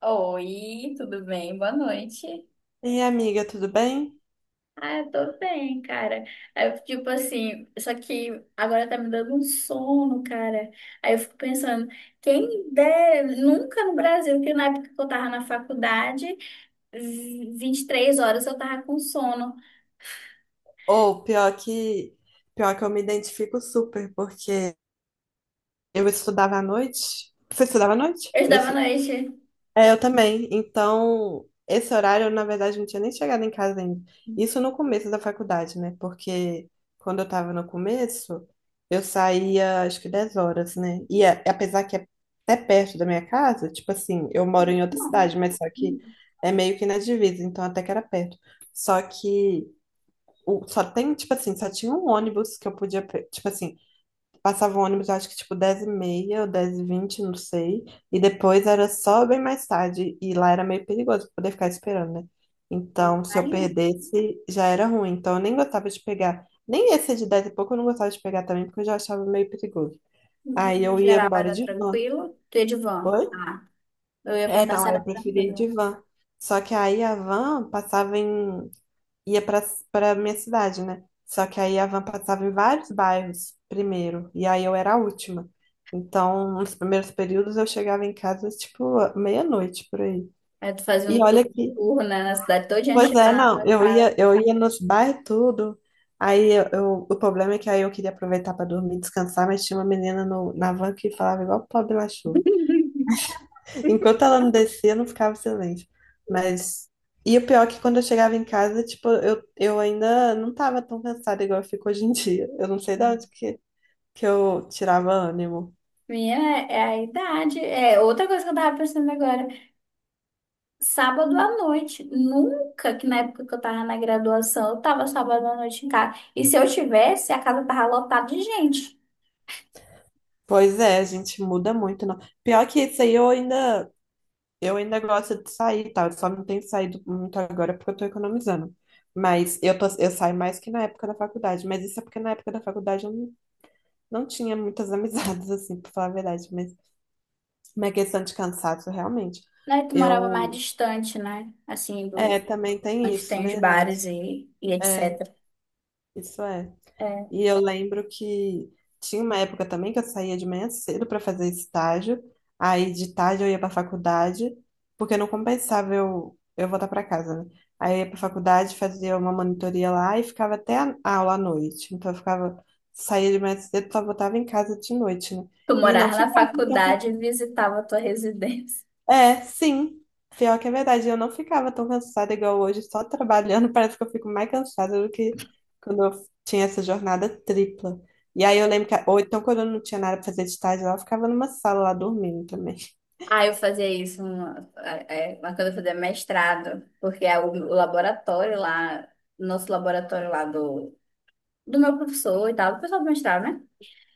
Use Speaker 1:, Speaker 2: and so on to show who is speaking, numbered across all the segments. Speaker 1: Oi, tudo bem? Boa noite.
Speaker 2: E amiga, tudo bem?
Speaker 1: Ah, eu tô bem, cara. Aí eu, tipo assim, só que agora tá me dando um sono, cara. Aí eu fico pensando, quem dera, nunca no Brasil, que na época que eu tava na faculdade, 23 horas eu tava com sono.
Speaker 2: Ou pior que eu me identifico super, porque eu estudava à noite. Você estudava à noite?
Speaker 1: Eu estudava à noite.
Speaker 2: É, eu também. Então, esse horário, eu, na verdade, não tinha nem chegado em casa ainda. Isso no começo da faculdade, né? Porque quando eu tava no começo, eu saía acho que 10 horas, né? Apesar que é até perto da minha casa, tipo assim, eu moro em outra
Speaker 1: Não,
Speaker 2: cidade, mas só que é meio que na divisa, então até que era perto. Só que só tem, tipo assim, só tinha um ônibus que eu podia, tipo assim, passava o ônibus, acho que tipo 10h30 ou 10h20 não sei, e depois era só bem mais tarde, e lá era meio perigoso pra poder ficar esperando, né?
Speaker 1: não,
Speaker 2: Então, se eu
Speaker 1: imagina.
Speaker 2: perdesse, já era ruim. Então, eu nem gostava de pegar, nem esse de 10 e pouco eu não gostava de pegar também, porque eu já achava meio perigoso. Aí
Speaker 1: No
Speaker 2: eu ia
Speaker 1: geral
Speaker 2: embora
Speaker 1: era
Speaker 2: de van.
Speaker 1: tranquilo. Tu ia de van.
Speaker 2: Oi?
Speaker 1: Ah, eu ia
Speaker 2: É,
Speaker 1: perguntar
Speaker 2: não,
Speaker 1: se
Speaker 2: aí
Speaker 1: era
Speaker 2: eu preferia ir
Speaker 1: tranquilo.
Speaker 2: de van. Só que aí a van passava em ia para para minha cidade, né? Só que aí a van passava em vários bairros primeiro, e aí eu era a última. Então, nos primeiros períodos eu chegava em casa tipo meia-noite por aí.
Speaker 1: Aí tu fazia um
Speaker 2: E olha que,
Speaker 1: turno na cidade toda, antes de
Speaker 2: pois
Speaker 1: chegar
Speaker 2: é,
Speaker 1: na
Speaker 2: não,
Speaker 1: tua casa.
Speaker 2: eu ia nos bairros tudo. O problema é que aí eu queria aproveitar para dormir, descansar, mas tinha uma menina no, na van que falava igual pobre Lachô. Enquanto ela não descia, não ficava silêncio. Mas. E o pior é que quando eu chegava em casa, tipo, eu ainda não tava tão cansada igual eu fico hoje em dia. Eu não sei de
Speaker 1: Não.
Speaker 2: onde que eu tirava ânimo.
Speaker 1: Minha é a idade. É outra coisa que eu tava pensando agora. Sábado à noite. Nunca que na época que eu tava na graduação, eu tava sábado à noite em casa. E se eu tivesse, a casa tava lotada de gente.
Speaker 2: Pois é, a gente muda muito, não. Pior que isso aí, eu ainda gosto de sair, e tal. Eu só não tenho saído muito agora porque eu tô economizando. Mas eu saio mais que na época da faculdade. Mas isso é porque na época da faculdade eu não, não tinha muitas amizades, assim, pra falar a verdade. Mas uma questão de cansaço, realmente.
Speaker 1: Né? Tu morava mais
Speaker 2: Eu,
Speaker 1: distante, né? Assim,
Speaker 2: é,
Speaker 1: do
Speaker 2: também tem
Speaker 1: onde
Speaker 2: isso,
Speaker 1: tem os
Speaker 2: verdade.
Speaker 1: bares e
Speaker 2: É,
Speaker 1: etc.
Speaker 2: isso é. E eu lembro que tinha uma época também que eu saía de manhã cedo para fazer estágio, aí de tarde eu ia para faculdade, porque não compensava eu voltar para casa, né? Aí eu ia para faculdade, fazia uma monitoria lá e ficava até a aula à noite. Então eu ficava, saía de manhã cedo, só voltava em casa de noite, né?
Speaker 1: Tu
Speaker 2: E não
Speaker 1: morava na
Speaker 2: ficava tão
Speaker 1: faculdade e visitava a tua residência.
Speaker 2: é, sim. Pior que é verdade. Eu não ficava tão cansada igual hoje, só trabalhando. Parece que eu fico mais cansada do que quando eu tinha essa jornada tripla. E aí eu lembro que, ou então quando eu não tinha nada pra fazer de tarde lá, eu ficava numa sala lá dormindo também.
Speaker 1: Ah, eu fazia isso uma quando eu fazia mestrado, porque é o laboratório lá, nosso laboratório lá do meu professor e tal, do pessoal do mestrado, né?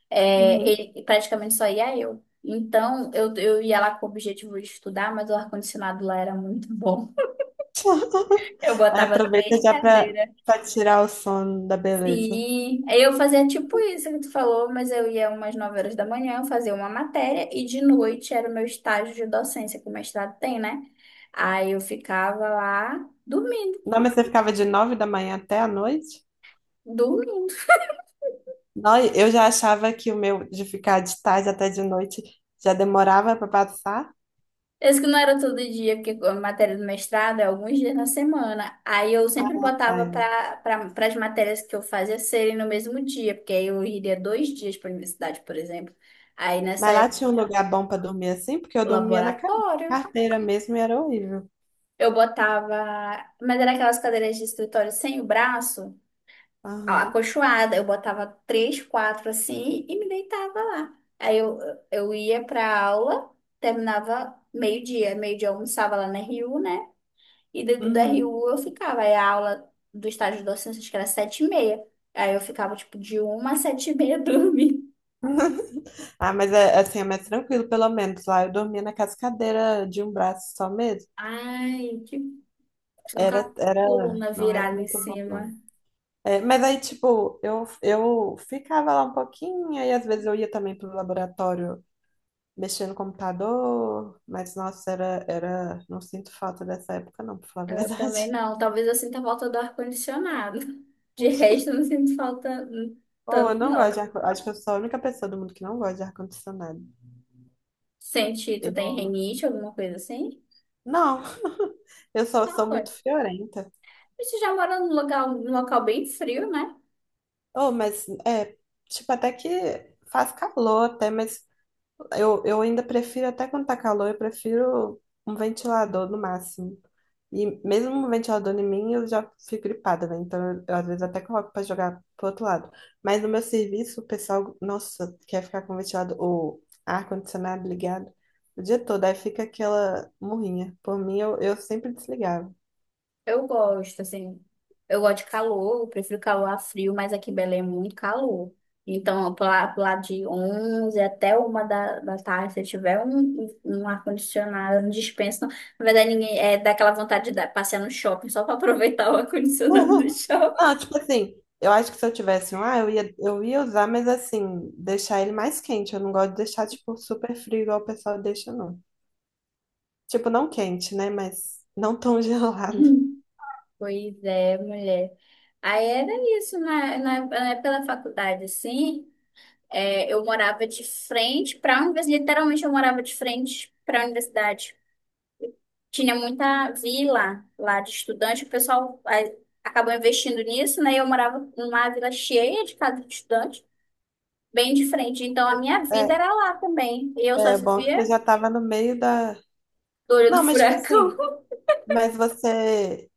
Speaker 1: É,
Speaker 2: Uhum.
Speaker 1: ele praticamente só ia eu. Então, eu ia lá com o objetivo de estudar, mas o ar-condicionado lá era muito bom. Eu
Speaker 2: Aí
Speaker 1: botava
Speaker 2: aproveita
Speaker 1: três
Speaker 2: já
Speaker 1: cadeiras.
Speaker 2: pra tirar o sono da beleza.
Speaker 1: Sim, eu fazia tipo isso que tu falou, mas eu ia umas 9 horas da manhã, eu fazia uma matéria e de noite era o meu estágio de docência, que o mestrado tem, né? Aí eu ficava lá dormindo,
Speaker 2: Não, mas você ficava de 9 da manhã até a noite?
Speaker 1: dormindo.
Speaker 2: Não, eu já achava que o meu de ficar de tarde até de noite já demorava pra passar.
Speaker 1: Esse que não era todo dia, porque a matéria do mestrado é alguns dias na semana. Aí eu sempre botava
Speaker 2: Ai,
Speaker 1: para as matérias que eu fazia serem no mesmo dia, porque aí eu iria 2 dias para a universidade, por exemplo. Aí nessa
Speaker 2: mas lá
Speaker 1: época,
Speaker 2: tinha um lugar bom pra dormir assim, porque eu dormia na
Speaker 1: laboratório.
Speaker 2: carteira mesmo e era horrível.
Speaker 1: Eu botava. Mas era aquelas cadeiras de escritório sem o braço,
Speaker 2: Aham.
Speaker 1: acolchoada. Eu botava três, quatro assim e me deitava lá. Aí eu ia pra aula, terminava meio-dia. Meio-dia eu almoçava lá na RU, né? E dentro da
Speaker 2: Uhum.
Speaker 1: RU eu ficava. Aí a aula do estágio de docência, acho que era 7:30. Aí eu ficava tipo de uma às 7:30 dormindo.
Speaker 2: Ah, mas é, assim, é mais tranquilo, pelo menos. Lá eu dormia na cascadeira de um braço só mesmo.
Speaker 1: Ai, que. Só com
Speaker 2: Era,
Speaker 1: a
Speaker 2: era,
Speaker 1: coluna
Speaker 2: não era
Speaker 1: virada em
Speaker 2: muito bom, não.
Speaker 1: cima.
Speaker 2: É, mas aí, tipo, eu ficava lá um pouquinho, aí às vezes eu ia também pro laboratório mexer no computador, mas nossa, não sinto falta dessa época, não, pra falar a
Speaker 1: Eu
Speaker 2: verdade.
Speaker 1: também não. Talvez eu sinta falta do ar-condicionado. De resto, eu não sinto falta
Speaker 2: Oh, eu
Speaker 1: tanto,
Speaker 2: não gosto
Speaker 1: não.
Speaker 2: de ar... Acho que eu sou a única pessoa do mundo que não gosta de ar-condicionado.
Speaker 1: Senti, tu tem
Speaker 2: Eu...
Speaker 1: rinite, alguma coisa assim?
Speaker 2: Não, eu só
Speaker 1: Ah,
Speaker 2: sou
Speaker 1: pode.
Speaker 2: muito friorenta.
Speaker 1: Você já mora num local bem frio, né?
Speaker 2: Oh, mas é, tipo, até que faz calor até, mas eu ainda prefiro, até quando tá calor, eu prefiro um ventilador no máximo. E mesmo um ventilador em mim, eu já fico gripada, né? Então, às vezes até coloco pra jogar pro outro lado. Mas no meu serviço, o pessoal, nossa, quer ficar com o ventilador, o ar-condicionado ligado o dia todo. Aí fica aquela murrinha. Por mim, eu sempre desligava.
Speaker 1: Eu gosto, assim. Eu gosto de calor, eu prefiro calor a frio, mas aqui em Belém é muito calor. Então, lá pro lado de 11 até uma da tarde, se tiver um ar-condicionado, não dispensa, não. Na verdade, ninguém é dá aquela vontade de passear no shopping só para aproveitar o ar-condicionado do
Speaker 2: Uhum.
Speaker 1: shopping.
Speaker 2: Não, tipo assim, eu acho que se eu tivesse um, ah, eu ia usar, mas assim, deixar ele mais quente. Eu não gosto de deixar, tipo, super frio igual o pessoal deixa, não. Tipo, não quente, né? Mas não tão gelado.
Speaker 1: Pois é, mulher. Aí era isso, época da faculdade, assim, é, eu morava de frente para a universidade, literalmente eu morava de frente para a universidade. Tinha muita vila lá de estudante, o pessoal aí, acabou investindo nisso, né? Eu morava numa vila cheia de casa de estudante, bem de frente. Então a minha vida era lá também. E eu só
Speaker 2: É, é bom que você
Speaker 1: vivia
Speaker 2: já tava no meio da.
Speaker 1: do olho do
Speaker 2: Não, mas tipo
Speaker 1: furacão.
Speaker 2: assim, mas você.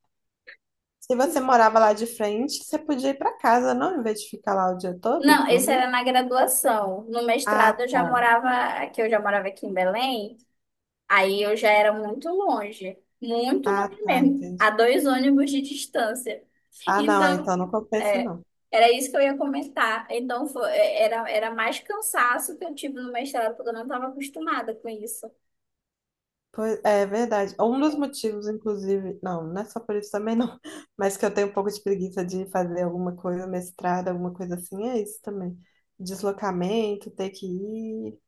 Speaker 2: Se você morava lá de frente, você podia ir pra casa, não? Em vez de ficar lá o dia todo,
Speaker 1: Não, esse
Speaker 2: dormir?
Speaker 1: era na graduação. No
Speaker 2: Ah,
Speaker 1: mestrado eu já
Speaker 2: tá.
Speaker 1: morava aqui, eu já morava aqui em Belém. Aí eu já era muito
Speaker 2: Ah,
Speaker 1: longe
Speaker 2: tá,
Speaker 1: mesmo,
Speaker 2: entendi.
Speaker 1: a dois ônibus de distância.
Speaker 2: Ah, não, é, então
Speaker 1: Então,
Speaker 2: não compensa,
Speaker 1: é,
Speaker 2: não.
Speaker 1: era isso que eu ia comentar. Então, era mais cansaço que eu tive no mestrado, porque eu não estava acostumada com isso.
Speaker 2: Pois, é verdade. Um dos motivos, inclusive, não é só por isso também, não. Mas que eu tenho um pouco de preguiça de fazer alguma coisa, mestrado, alguma coisa assim, é isso também. Deslocamento, ter que ir.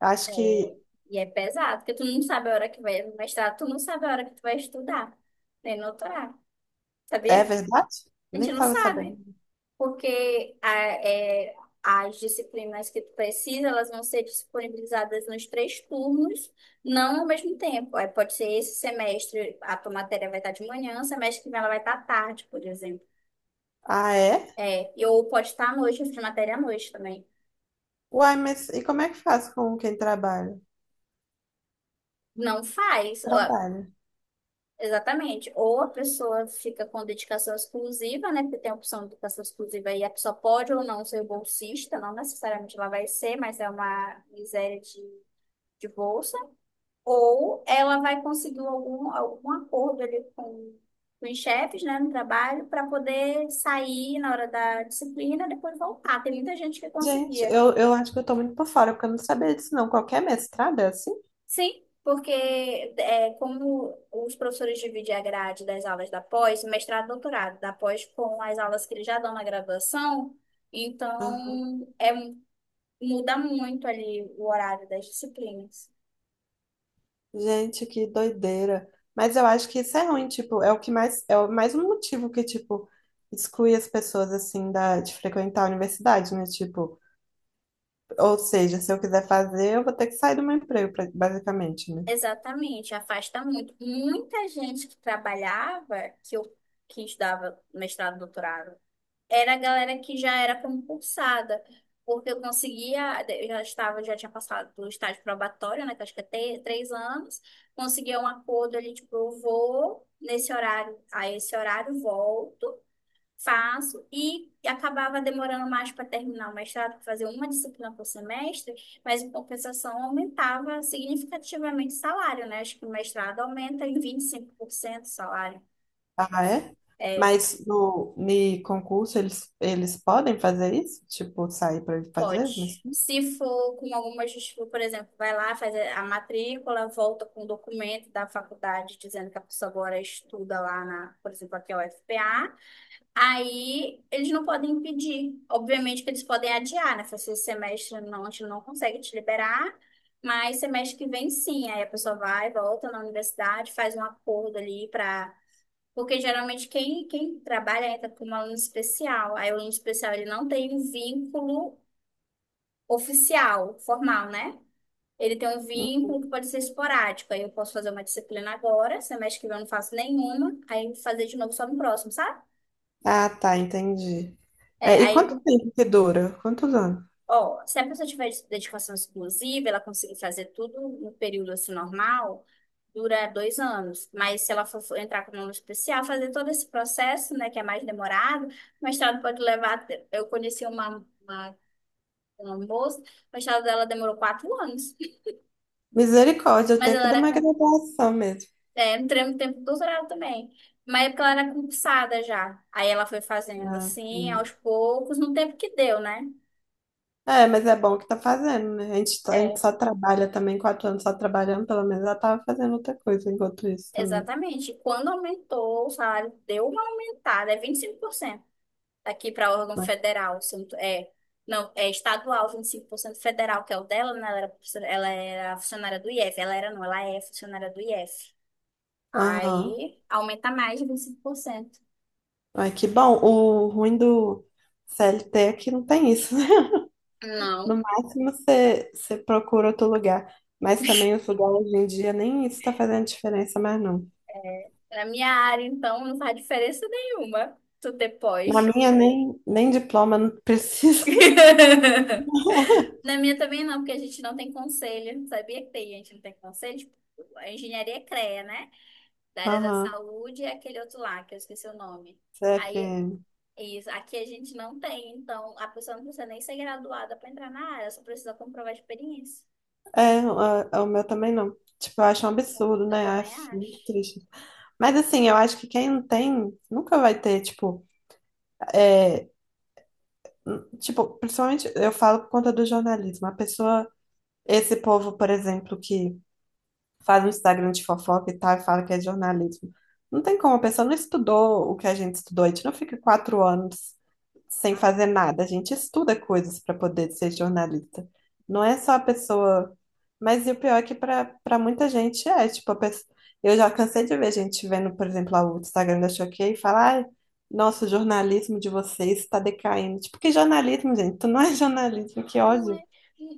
Speaker 2: Acho
Speaker 1: É,
Speaker 2: que
Speaker 1: e é pesado, porque tu não sabe a hora que vai no mestrado, tu não sabe a hora que tu vai estudar, nem no doutorado,
Speaker 2: é
Speaker 1: sabia?
Speaker 2: verdade?
Speaker 1: A
Speaker 2: Nem
Speaker 1: gente não
Speaker 2: estava sabendo.
Speaker 1: sabe porque é, as disciplinas que tu precisa, elas vão ser disponibilizadas nos três turnos, não ao mesmo tempo. Aí pode ser esse semestre, a tua matéria vai estar de manhã, o semestre que vem ela vai estar à tarde, por exemplo.
Speaker 2: Ah, é?
Speaker 1: É, e ou pode estar à noite, eu fiz matéria à noite também.
Speaker 2: Uai, mas e como é que faz com quem trabalha?
Speaker 1: Não faz, ó,
Speaker 2: Trabalha.
Speaker 1: exatamente. Ou a pessoa fica com dedicação exclusiva, né? Porque tem a opção de dedicação exclusiva e a pessoa pode ou não ser bolsista, não necessariamente ela vai ser, mas é uma miséria de bolsa. Ou ela vai conseguir algum acordo ali com os chefes, né, no trabalho, para poder sair na hora da disciplina e depois voltar. Tem muita gente que
Speaker 2: Gente,
Speaker 1: conseguia.
Speaker 2: eu acho que eu tô muito por fora, porque eu não sabia disso, não. Qualquer mestrado é assim?
Speaker 1: Sim, porque é, como os professores dividem a grade das aulas da pós, mestrado, doutorado, da pós com as aulas que eles já dão na graduação,
Speaker 2: Aham.
Speaker 1: então é, muda muito ali o horário das disciplinas.
Speaker 2: Gente, que doideira. Mas eu acho que isso é ruim, tipo, é o que mais, mais um motivo que, tipo, exclui as pessoas, assim, da, de frequentar a universidade, né? Tipo, ou seja, se eu quiser fazer, eu vou ter que sair do meu emprego, pra- basicamente, né?
Speaker 1: Exatamente, afasta muito. Muita gente que trabalhava, que estudava mestrado, doutorado, era a galera que já era concursada, porque eu conseguia, eu já estava, já tinha passado do estágio probatório, né, que eu acho que é 3 anos, conseguia um acordo, ele tipo, eu vou nesse horário, a esse horário volto, faço e acabava demorando mais para terminar o mestrado, para fazer uma disciplina por semestre, mas em compensação aumentava significativamente o salário, né? Acho que o mestrado aumenta em 25% o salário.
Speaker 2: Ah, é?
Speaker 1: É,
Speaker 2: Mas no ni concurso eles podem fazer isso? Tipo, sair para fazer? Mas...
Speaker 1: pode. Se for com alguma justificativa, por exemplo, vai lá, faz a matrícula, volta com o documento da faculdade dizendo que a pessoa agora estuda lá na, por exemplo, aqui é o UFPA. Aí eles não podem impedir. Obviamente que eles podem adiar, né? Se esse semestre não, a gente não consegue te liberar, mas semestre que vem sim. Aí a pessoa vai, volta na universidade, faz um acordo ali para. Porque geralmente quem trabalha entra como aluno especial. Aí o aluno especial ele não tem um vínculo oficial, formal, né? Ele tem um vínculo que pode ser esporádico. Aí eu posso fazer uma disciplina agora, semestre que vem eu não faço nenhuma, aí fazer de novo só no próximo, sabe?
Speaker 2: Ah, tá, entendi.
Speaker 1: É,
Speaker 2: É, e quanto
Speaker 1: aí
Speaker 2: tempo que dura? Quantos anos?
Speaker 1: Ó, se a pessoa tiver dedicação exclusiva, ela conseguir fazer tudo no período assim normal, dura 2 anos. Mas se ela for entrar com um aluno especial, fazer todo esse processo, né, que é mais demorado, o mestrado pode levar. Eu conheci uma moça, o mestrado dela demorou 4 anos,
Speaker 2: Misericórdia, o
Speaker 1: mas ela
Speaker 2: tempo de
Speaker 1: era
Speaker 2: uma
Speaker 1: com.
Speaker 2: graduação mesmo.
Speaker 1: É, entrei no tempo do doutorado também. Mas é porque ela era concursada já. Aí ela foi fazendo
Speaker 2: Ah,
Speaker 1: assim, aos
Speaker 2: sim.
Speaker 1: poucos, no tempo que deu, né?
Speaker 2: É, mas é bom que tá fazendo, né? A gente, tá- a gente
Speaker 1: é
Speaker 2: só trabalha também, 4 anos só trabalhando, pelo menos ela tava fazendo outra coisa enquanto isso também,
Speaker 1: Exatamente. Quando aumentou o salário, deu uma aumentada, é 25% aqui para órgão
Speaker 2: né?
Speaker 1: federal. Se eu não É, não, é estadual, 25% federal, que é o dela, né? Ela era funcionária do IF. Ela era, não, ela é funcionária do IF.
Speaker 2: Aham.
Speaker 1: Aí aumenta mais de 25%.
Speaker 2: Ai, que bom. O ruim do CLT é que não tem isso.
Speaker 1: Não,
Speaker 2: No máximo você procura outro lugar. Mas também os lugares hoje em dia nem isso está fazendo diferença mais não.
Speaker 1: na minha área, então, não faz diferença nenhuma. Tu
Speaker 2: Na
Speaker 1: depois.
Speaker 2: minha nem, nem diploma não precisa.
Speaker 1: Na minha também não, porque a gente não tem conselho. Sabia que tem gente que não tem conselho? Tipo, a engenharia é CREA, né? Da área da
Speaker 2: Aham,
Speaker 1: saúde e aquele outro lá, que eu esqueci o nome. Aí,
Speaker 2: CFM.
Speaker 1: isso, aqui a gente não tem, então a pessoa não precisa nem ser graduada para entrar na área, só precisa comprovar a experiência.
Speaker 2: É, o meu também não. Tipo, eu acho um absurdo,
Speaker 1: Eu
Speaker 2: né?
Speaker 1: também
Speaker 2: Acho muito
Speaker 1: acho.
Speaker 2: triste. Mas assim, eu acho que quem não tem nunca vai ter, tipo, tipo, principalmente eu falo por conta do jornalismo. A pessoa, esse povo, por exemplo, que faz um Instagram de fofoca e tal, e fala que é jornalismo. Não tem como, a pessoa não estudou o que a gente estudou, a gente não fica 4 anos sem fazer nada, a gente estuda coisas para poder ser jornalista. Não é só a pessoa. Mas e o pior é que para muita gente é, tipo, a pessoa... eu já cansei de ver gente vendo, por exemplo, lá o Instagram da Choquei e falar, ai, nossa, o jornalismo de vocês está decaindo. Tipo, que jornalismo, gente? Tu não é jornalismo, que
Speaker 1: Não é,
Speaker 2: ódio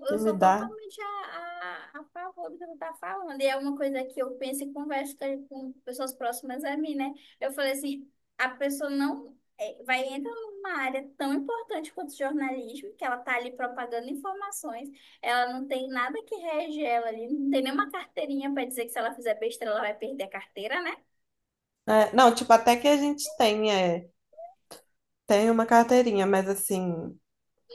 Speaker 2: que
Speaker 1: eu
Speaker 2: me
Speaker 1: sou
Speaker 2: dá.
Speaker 1: totalmente a favor do que você está falando. E é uma coisa que eu penso e converso com pessoas próximas a mim, né? Eu falei assim, a pessoa não é, vai entrar numa área tão importante quanto o jornalismo, que ela tá ali propagando informações, ela não tem nada que rege ela ali, não tem nenhuma carteirinha para dizer que se ela fizer besteira, ela vai perder a carteira, né?
Speaker 2: É, não, tipo, até que a gente tem. É, tenho uma carteirinha, mas assim,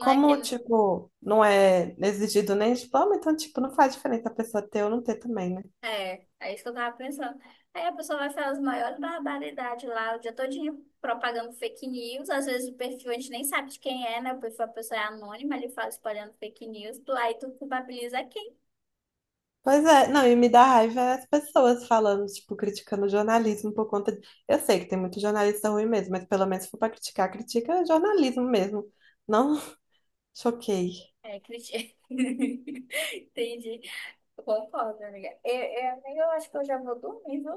Speaker 1: Não é que
Speaker 2: tipo, não é exigido nem diploma, então, tipo, não faz diferença a pessoa ter ou não ter também, né?
Speaker 1: é isso que eu tava pensando. Aí a pessoa vai falar as maiores barbaridades lá, o dia todinho propagando fake news. Às vezes o perfil a gente nem sabe de quem é, né? O perfil da pessoa é anônima, ele fala espalhando fake news. Aí tu culpabiliza quem?
Speaker 2: Pois é, não, e me dá raiva é as pessoas falando, tipo, criticando o jornalismo por conta de... Eu sei que tem muito jornalista ruim mesmo, mas pelo menos se for pra criticar, critica jornalismo mesmo. Não choquei.
Speaker 1: É, Entendi. Eu concordo, amiga. Amiga, eu acho que eu já vou dormir, viu?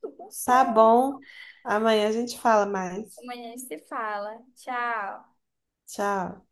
Speaker 1: Tô com
Speaker 2: Tá
Speaker 1: sono.
Speaker 2: bom, amanhã a gente fala mais.
Speaker 1: Amanhã a gente se fala. Tchau.
Speaker 2: Tchau.